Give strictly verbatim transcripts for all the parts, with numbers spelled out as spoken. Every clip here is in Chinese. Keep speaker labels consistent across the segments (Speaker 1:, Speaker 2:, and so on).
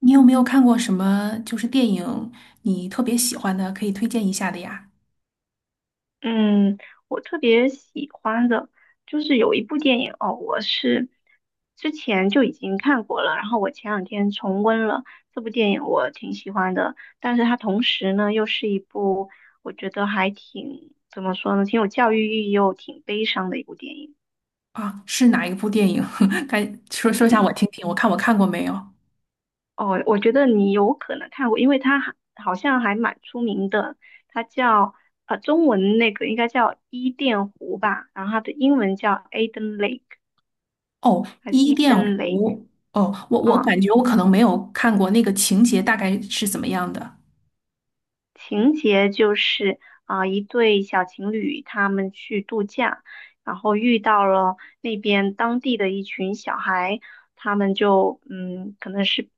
Speaker 1: 你有没有看过什么就是电影你特别喜欢的，可以推荐一下的呀？
Speaker 2: 嗯，我特别喜欢的就是有一部电影哦，我是之前就已经看过了，然后我前两天重温了这部电影，我挺喜欢的。但是它同时呢，又是一部我觉得还挺怎么说呢，挺有教育意义又挺悲伤的一部电影。
Speaker 1: 啊，是哪一部电影？该说说一下
Speaker 2: 嗯。
Speaker 1: 我听听，我看我看过没有？
Speaker 2: 哦，我觉得你有可能看过，因为它还好像还蛮出名的，它叫呃中文那个应该叫伊甸湖吧，然后它的英文叫 Eden Lake。
Speaker 1: 哦，
Speaker 2: 还是
Speaker 1: 《伊
Speaker 2: e d
Speaker 1: 甸
Speaker 2: e
Speaker 1: 湖》。哦，我我
Speaker 2: 啊，
Speaker 1: 感觉我可能没有看过，那个情节大概是怎么样的。
Speaker 2: 情节就是啊，一对小情侣他们去度假，然后遇到了那边当地的一群小孩，他们就嗯，可能是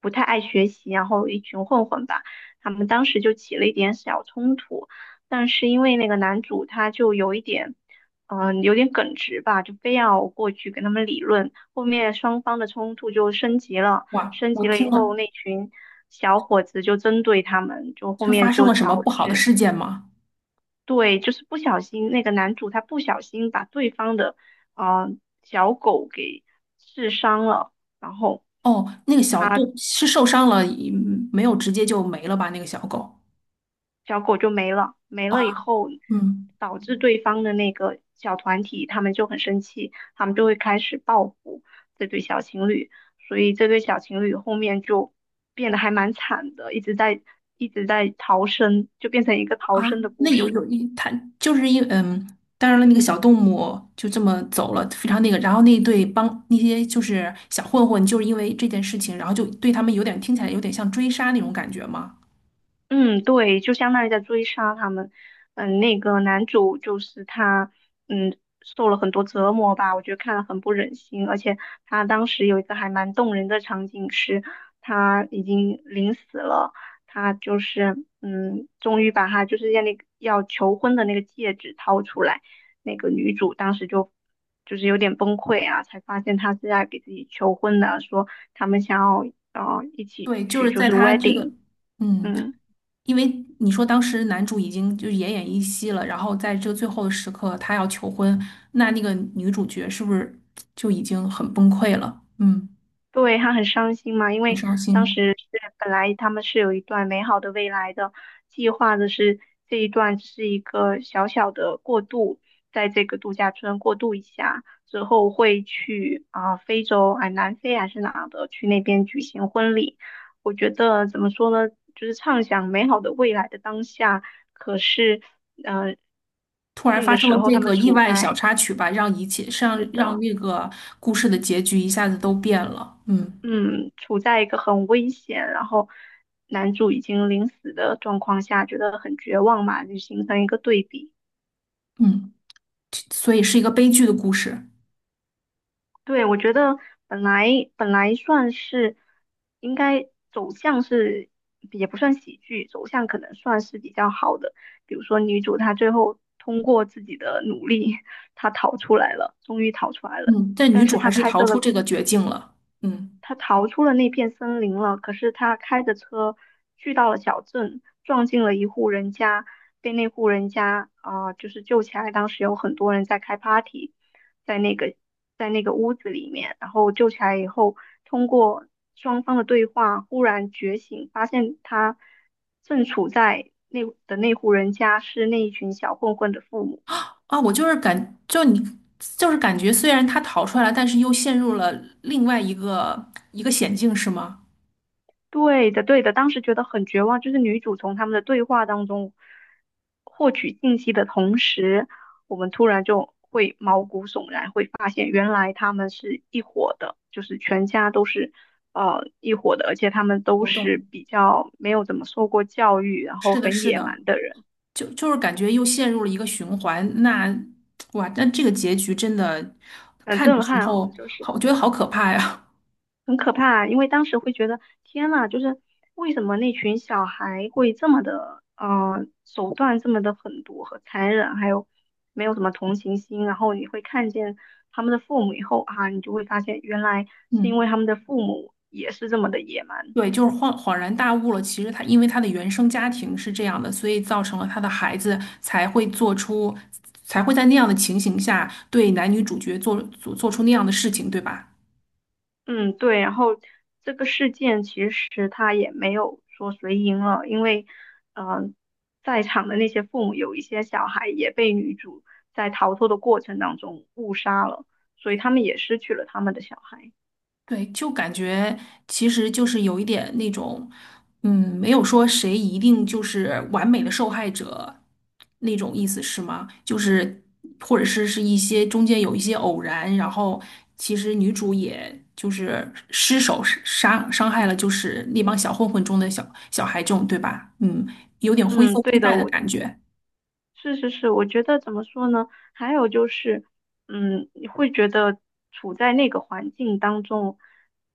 Speaker 2: 不太爱学习，然后一群混混吧，他们当时就起了一点小冲突，但是因为那个男主他就有一点。嗯，呃有点耿直吧，就非要过去跟他们理论，后面双方的冲突就升级了。
Speaker 1: 哇，
Speaker 2: 升
Speaker 1: 我
Speaker 2: 级了
Speaker 1: 听
Speaker 2: 以
Speaker 1: 了
Speaker 2: 后，那群小伙子就针对他们，就后
Speaker 1: 是
Speaker 2: 面
Speaker 1: 发生
Speaker 2: 就
Speaker 1: 了什么
Speaker 2: 导
Speaker 1: 不好的
Speaker 2: 致
Speaker 1: 事件吗？
Speaker 2: 对，就是不小心那个男主他不小心把对方的呃小狗给刺伤了，然后
Speaker 1: 哦，那个小动是受伤了，嗯，没有直接就没了吧？那个小狗
Speaker 2: 小狗就没了，没了以
Speaker 1: 啊，
Speaker 2: 后
Speaker 1: 嗯。
Speaker 2: 导致对方的那个小团体他们就很生气，他们就会开始报复这对小情侣，所以这对小情侣后面就变得还蛮惨的，一直在一直在逃生，就变成一个逃
Speaker 1: 啊，
Speaker 2: 生的
Speaker 1: 那
Speaker 2: 故
Speaker 1: 有
Speaker 2: 事。
Speaker 1: 有一，它就是一嗯，当然了，那个小动物就这么走了，非常那个。然后那对帮那些就是小混混，就是因为这件事情，然后就对他们有点听起来有点像追杀那种感觉吗？
Speaker 2: 嗯，对，就相当于在追杀他们。嗯，那个男主就是他，嗯，受了很多折磨吧，我觉得看了很不忍心。而且他当时有一个还蛮动人的场景是，他已经临死了，他就是，嗯，终于把他就是要那个要求婚的那个戒指掏出来，那个女主当时就就是有点崩溃啊，才发现他是在给自己求婚的，说他们想要呃一起
Speaker 1: 对，就
Speaker 2: 去
Speaker 1: 是
Speaker 2: 就
Speaker 1: 在
Speaker 2: 是
Speaker 1: 他这个
Speaker 2: wedding。
Speaker 1: 嗯，
Speaker 2: 嗯。
Speaker 1: 因为你说当时男主已经就是奄奄一息了，然后在这个最后的时刻他要求婚，那那个女主角是不是就已经很崩溃了？嗯，
Speaker 2: 对，他很伤心嘛，因
Speaker 1: 很
Speaker 2: 为
Speaker 1: 伤
Speaker 2: 当
Speaker 1: 心。
Speaker 2: 时是本来他们是有一段美好的未来的计划的是，这一段只是一个小小的过渡，在这个度假村过渡一下之后会去啊、非洲啊、南非还是哪的去那边举行婚礼。我觉得怎么说呢，就是畅想美好的未来的当下，可是嗯、呃
Speaker 1: 突然
Speaker 2: 那
Speaker 1: 发
Speaker 2: 个
Speaker 1: 生
Speaker 2: 时
Speaker 1: 了
Speaker 2: 候
Speaker 1: 这
Speaker 2: 他们
Speaker 1: 个意
Speaker 2: 处
Speaker 1: 外小
Speaker 2: 在
Speaker 1: 插曲吧，让一切让
Speaker 2: 是
Speaker 1: 让
Speaker 2: 的。
Speaker 1: 那个故事的结局一下子都变了。嗯。
Speaker 2: 嗯，处在一个很危险，然后男主已经临死的状况下，觉得很绝望嘛，就形成一个对比。
Speaker 1: 嗯，所以是一个悲剧的故事。
Speaker 2: 对，我觉得本来本来算是应该走向是也不算喜剧，走向可能算是比较好的。比如说女主她最后通过自己的努力，她逃出来了，终于逃出来了，
Speaker 1: 嗯，但女
Speaker 2: 但是
Speaker 1: 主还
Speaker 2: 她
Speaker 1: 是
Speaker 2: 开
Speaker 1: 逃
Speaker 2: 车
Speaker 1: 出
Speaker 2: 的
Speaker 1: 这个绝境了。嗯。
Speaker 2: 他逃出了那片森林了，可是他开着车去到了小镇，撞进了一户人家，被那户人家啊、呃就是救起来。当时有很多人在开 party,在那个在那个屋子里面，然后救起来以后，通过双方的对话，忽然觉醒，发现他正处在那的那户人家是那一群小混混的父母。
Speaker 1: 啊，我就是感就你就是感觉，虽然她逃出来了，但是又陷入了另外一个一个险境，是吗？
Speaker 2: 对的，对的，当时觉得很绝望，就是女主从他们的对话当中获取信息的同时，我们突然就会毛骨悚然，会发现原来他们是一伙的，就是全家都是呃一伙的，而且他们都
Speaker 1: 我
Speaker 2: 是
Speaker 1: 懂。
Speaker 2: 比较没有怎么受过教育，然后
Speaker 1: 是的，
Speaker 2: 很
Speaker 1: 是
Speaker 2: 野
Speaker 1: 的，
Speaker 2: 蛮的人，
Speaker 1: 就就是感觉又陷入了一个循环。那哇，那这个结局真的
Speaker 2: 很
Speaker 1: 看的
Speaker 2: 震
Speaker 1: 时
Speaker 2: 撼哦，
Speaker 1: 候，
Speaker 2: 就是。
Speaker 1: 好，我觉得好可怕呀。
Speaker 2: 很可怕，因为当时会觉得天呐，就是为什么那群小孩会这么的，呃，手段这么的狠毒和残忍，还有没有什么同情心。然后你会看见他们的父母以后啊，你就会发现原来 是因
Speaker 1: 嗯。
Speaker 2: 为他们的父母也是这么的野蛮。
Speaker 1: 对，就是恍恍然大悟了。其实他因为他的原生家庭是这样的，所以造成了他的孩子才会做出，才会在那样的情形下对男女主角做做做出那样的事情，对吧？
Speaker 2: 嗯，对，然后这个事件其实他也没有说谁赢了，因为，呃，在场的那些父母有一些小孩也被女主在逃脱的过程当中误杀了，所以他们也失去了他们的小孩。
Speaker 1: 对，就感觉其实就是有一点那种，嗯，没有说谁一定就是完美的受害者那种意思是吗？就是或者是是一些中间有一些偶然，然后其实女主也就是失手是杀伤害
Speaker 2: 嗯。
Speaker 1: 了就是那帮小混混中的小小孩这种，对吧？嗯，有点灰色
Speaker 2: 嗯，
Speaker 1: 地
Speaker 2: 对的，
Speaker 1: 带的
Speaker 2: 我
Speaker 1: 感觉。
Speaker 2: 是是是，我觉得怎么说呢？还有就是，嗯，你会觉得处在那个环境当中，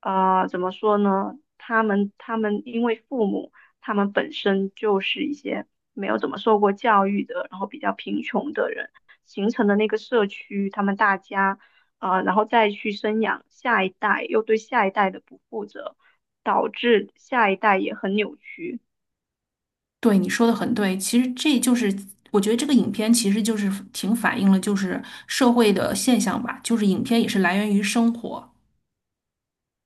Speaker 2: 呃，怎么说呢？他们他们因为父母他们本身就是一些没有怎么受过教育的，然后比较贫穷的人形成的那个社区，他们大家，呃，然后再去生养下一代，又对下一代的不负责，导致下一代也很扭曲。
Speaker 1: 对，你说的很对，其实这就是我觉得这个影片其实就是挺反映了就是社会的现象吧，就是影片也是来源于生活。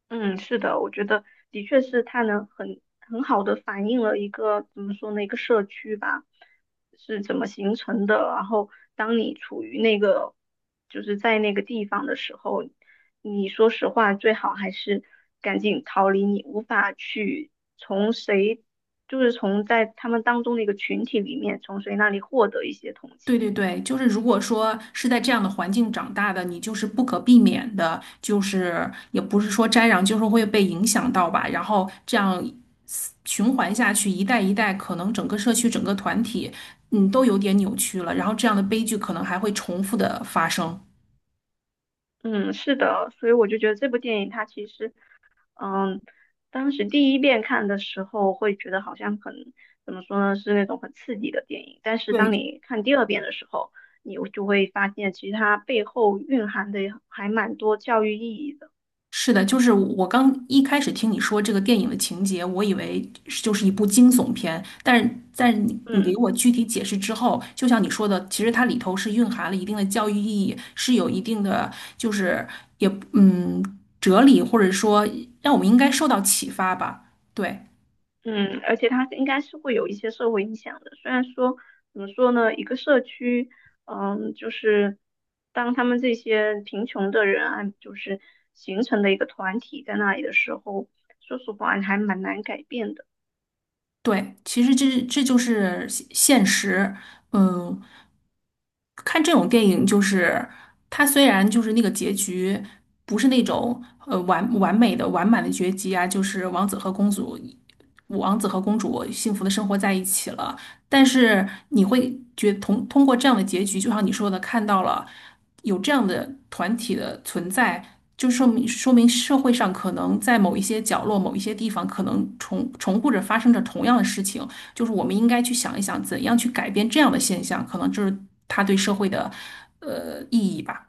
Speaker 2: 嗯，是的，我觉得的确是它能很很好的反映了一个怎么说呢，一个社区吧，是怎么形成的。然后，当你处于那个就是在那个地方的时候，你说实话，最好还是赶紧逃离你无法去从谁，就是从在他们当中的一个群体里面，从谁那里获得一些同
Speaker 1: 对
Speaker 2: 情。
Speaker 1: 对对，就是如果说是在这样的环境长大的，你就是不可避免的，就是也不是说沾染，就是会被影响到吧。然后这样循环下去，一代一代，可能整个社区、整个团体，嗯，都有点扭曲了。然后这样的悲剧可能还会重复的发生。
Speaker 2: 嗯，是的，所以我就觉得这部电影它其实嗯，当时第一遍看的时候会觉得好像很，怎么说呢，是那种很刺激的电影。但是当
Speaker 1: 对，
Speaker 2: 你看第二遍的时候，你就会发现其实它背后蕴含的还蛮多教育意义的。
Speaker 1: 是的，就是我刚一开始听你说这个电影的情节，我以为是就是一部惊悚片，但是在你你给
Speaker 2: 嗯。
Speaker 1: 我具体解释之后，就像你说的，其实它里头是蕴含了一定的教育意义，是有一定的就是也嗯哲理，或者说让我们应该受到启发吧。对
Speaker 2: 嗯，而且它应该是会有一些社会影响的。虽然说怎么说呢，一个社区，嗯，就是当他们这些贫穷的人啊，就是形成的一个团体在那里的时候，说实话还蛮难改变的。
Speaker 1: 对，其实这这就是现现实，嗯。看这种电影，就是它虽然就是那个结局不是那种呃完完美的完满的结局啊，就是王子和公主，王子和公主幸福的生活在一起了，但是你会觉通通过这样的结局，就像你说的，看到了有这样的团体的存在。就说明说明社会上可能在某一些角落、某一些地方，可能重重复着发生着同样的事情，就是我们应该去想一想，怎样去改变这样的现象，可能就是他对社会的呃意义吧。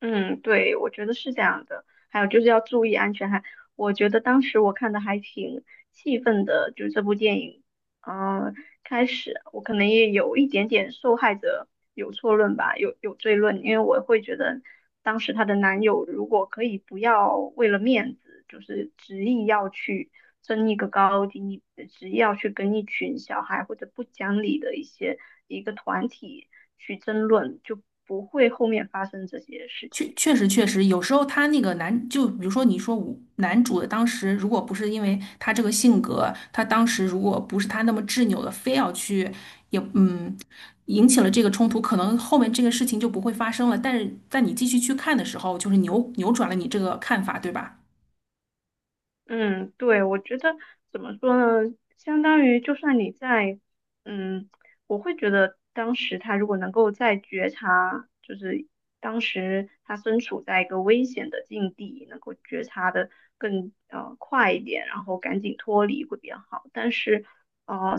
Speaker 2: 嗯，对，我觉得是这样的。还有就是要注意安全。还，我觉得当时我看的还挺气愤的，就是这部电影，啊。开始，我可能也有一点点受害者有错论吧，有有罪论，因为我会觉得当时她的男友如果可以不要为了面子，就是执意要去争一个高低，执意要去跟一群小孩或者不讲理的一些一个团体去争论，就不会后面发生这些事
Speaker 1: 确
Speaker 2: 情。
Speaker 1: 确实确实，有时候他那个男，就比如说你说我男主的当时，如果不是因为他这个性格，他当时如果不是他那么执拗的，非要去也嗯。引起了这个冲突，可能后面这个事情就不会发生了。但是在你继续去看的时候，就是扭扭转了你这个看法，对吧？
Speaker 2: 嗯，对，我觉得怎么说呢，相当于就算你在，嗯，我会觉得当时他如果能够在觉察，就是当时他身处在一个危险的境地，能够觉察的更呃快一点，然后赶紧脱离会比较好。但是，呃，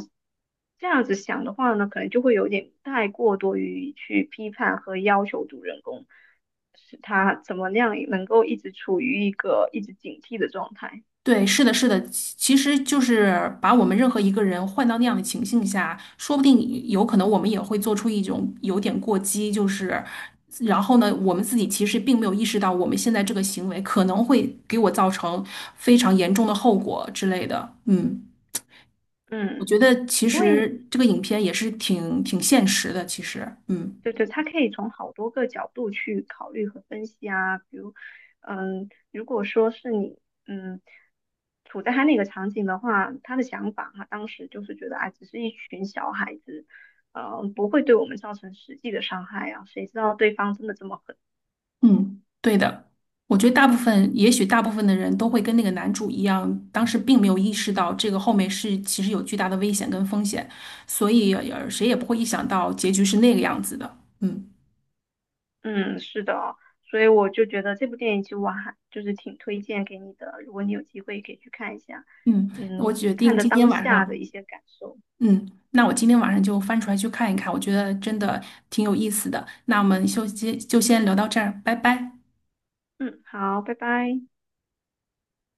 Speaker 2: 这样子想的话呢，可能就会有点太过多于去批判和要求主人公，是他怎么样能够一直处于一个一直警惕的状态。
Speaker 1: 对，是的，是的，其其实就是把我们任何一个人换到那样的情境下，说不定有可能我们也会做出一种有点过激，就是，然后呢，我们自己其实并没有意识到我们现在这个行为可能会给我造成非常严重的后果之类的。嗯，我
Speaker 2: 嗯，
Speaker 1: 觉得其
Speaker 2: 因为
Speaker 1: 实这个影片也是挺挺现实的，其实，嗯。
Speaker 2: 对对，他可以从好多个角度去考虑和分析啊。比如，嗯，如果说是你，嗯，处在他那个场景的话，他的想法哈，当时就是觉得，哎，只是一群小孩子，嗯，不会对我们造成实际的伤害啊。谁知道对方真的这么狠？
Speaker 1: 嗯，对的，我觉得大部分，也许大部分的人都会跟那个男主一样，当时并没有意识到这个后面是其实有巨大的危险跟风险，所以呃谁也不会意想到结局是那个样子的。嗯。
Speaker 2: 嗯，是的哦，所以我就觉得这部电影其实我还就是挺推荐给你的，如果你有机会可以去看一下，
Speaker 1: 嗯，我
Speaker 2: 嗯，
Speaker 1: 决
Speaker 2: 看
Speaker 1: 定
Speaker 2: 的
Speaker 1: 今天
Speaker 2: 当
Speaker 1: 晚
Speaker 2: 下的
Speaker 1: 上，
Speaker 2: 一些感受。
Speaker 1: 嗯，那我今天晚上就翻出来去看一看，我觉得真的挺有意思的。那我们就先就先聊到这儿，拜拜。
Speaker 2: 嗯，好，拜拜。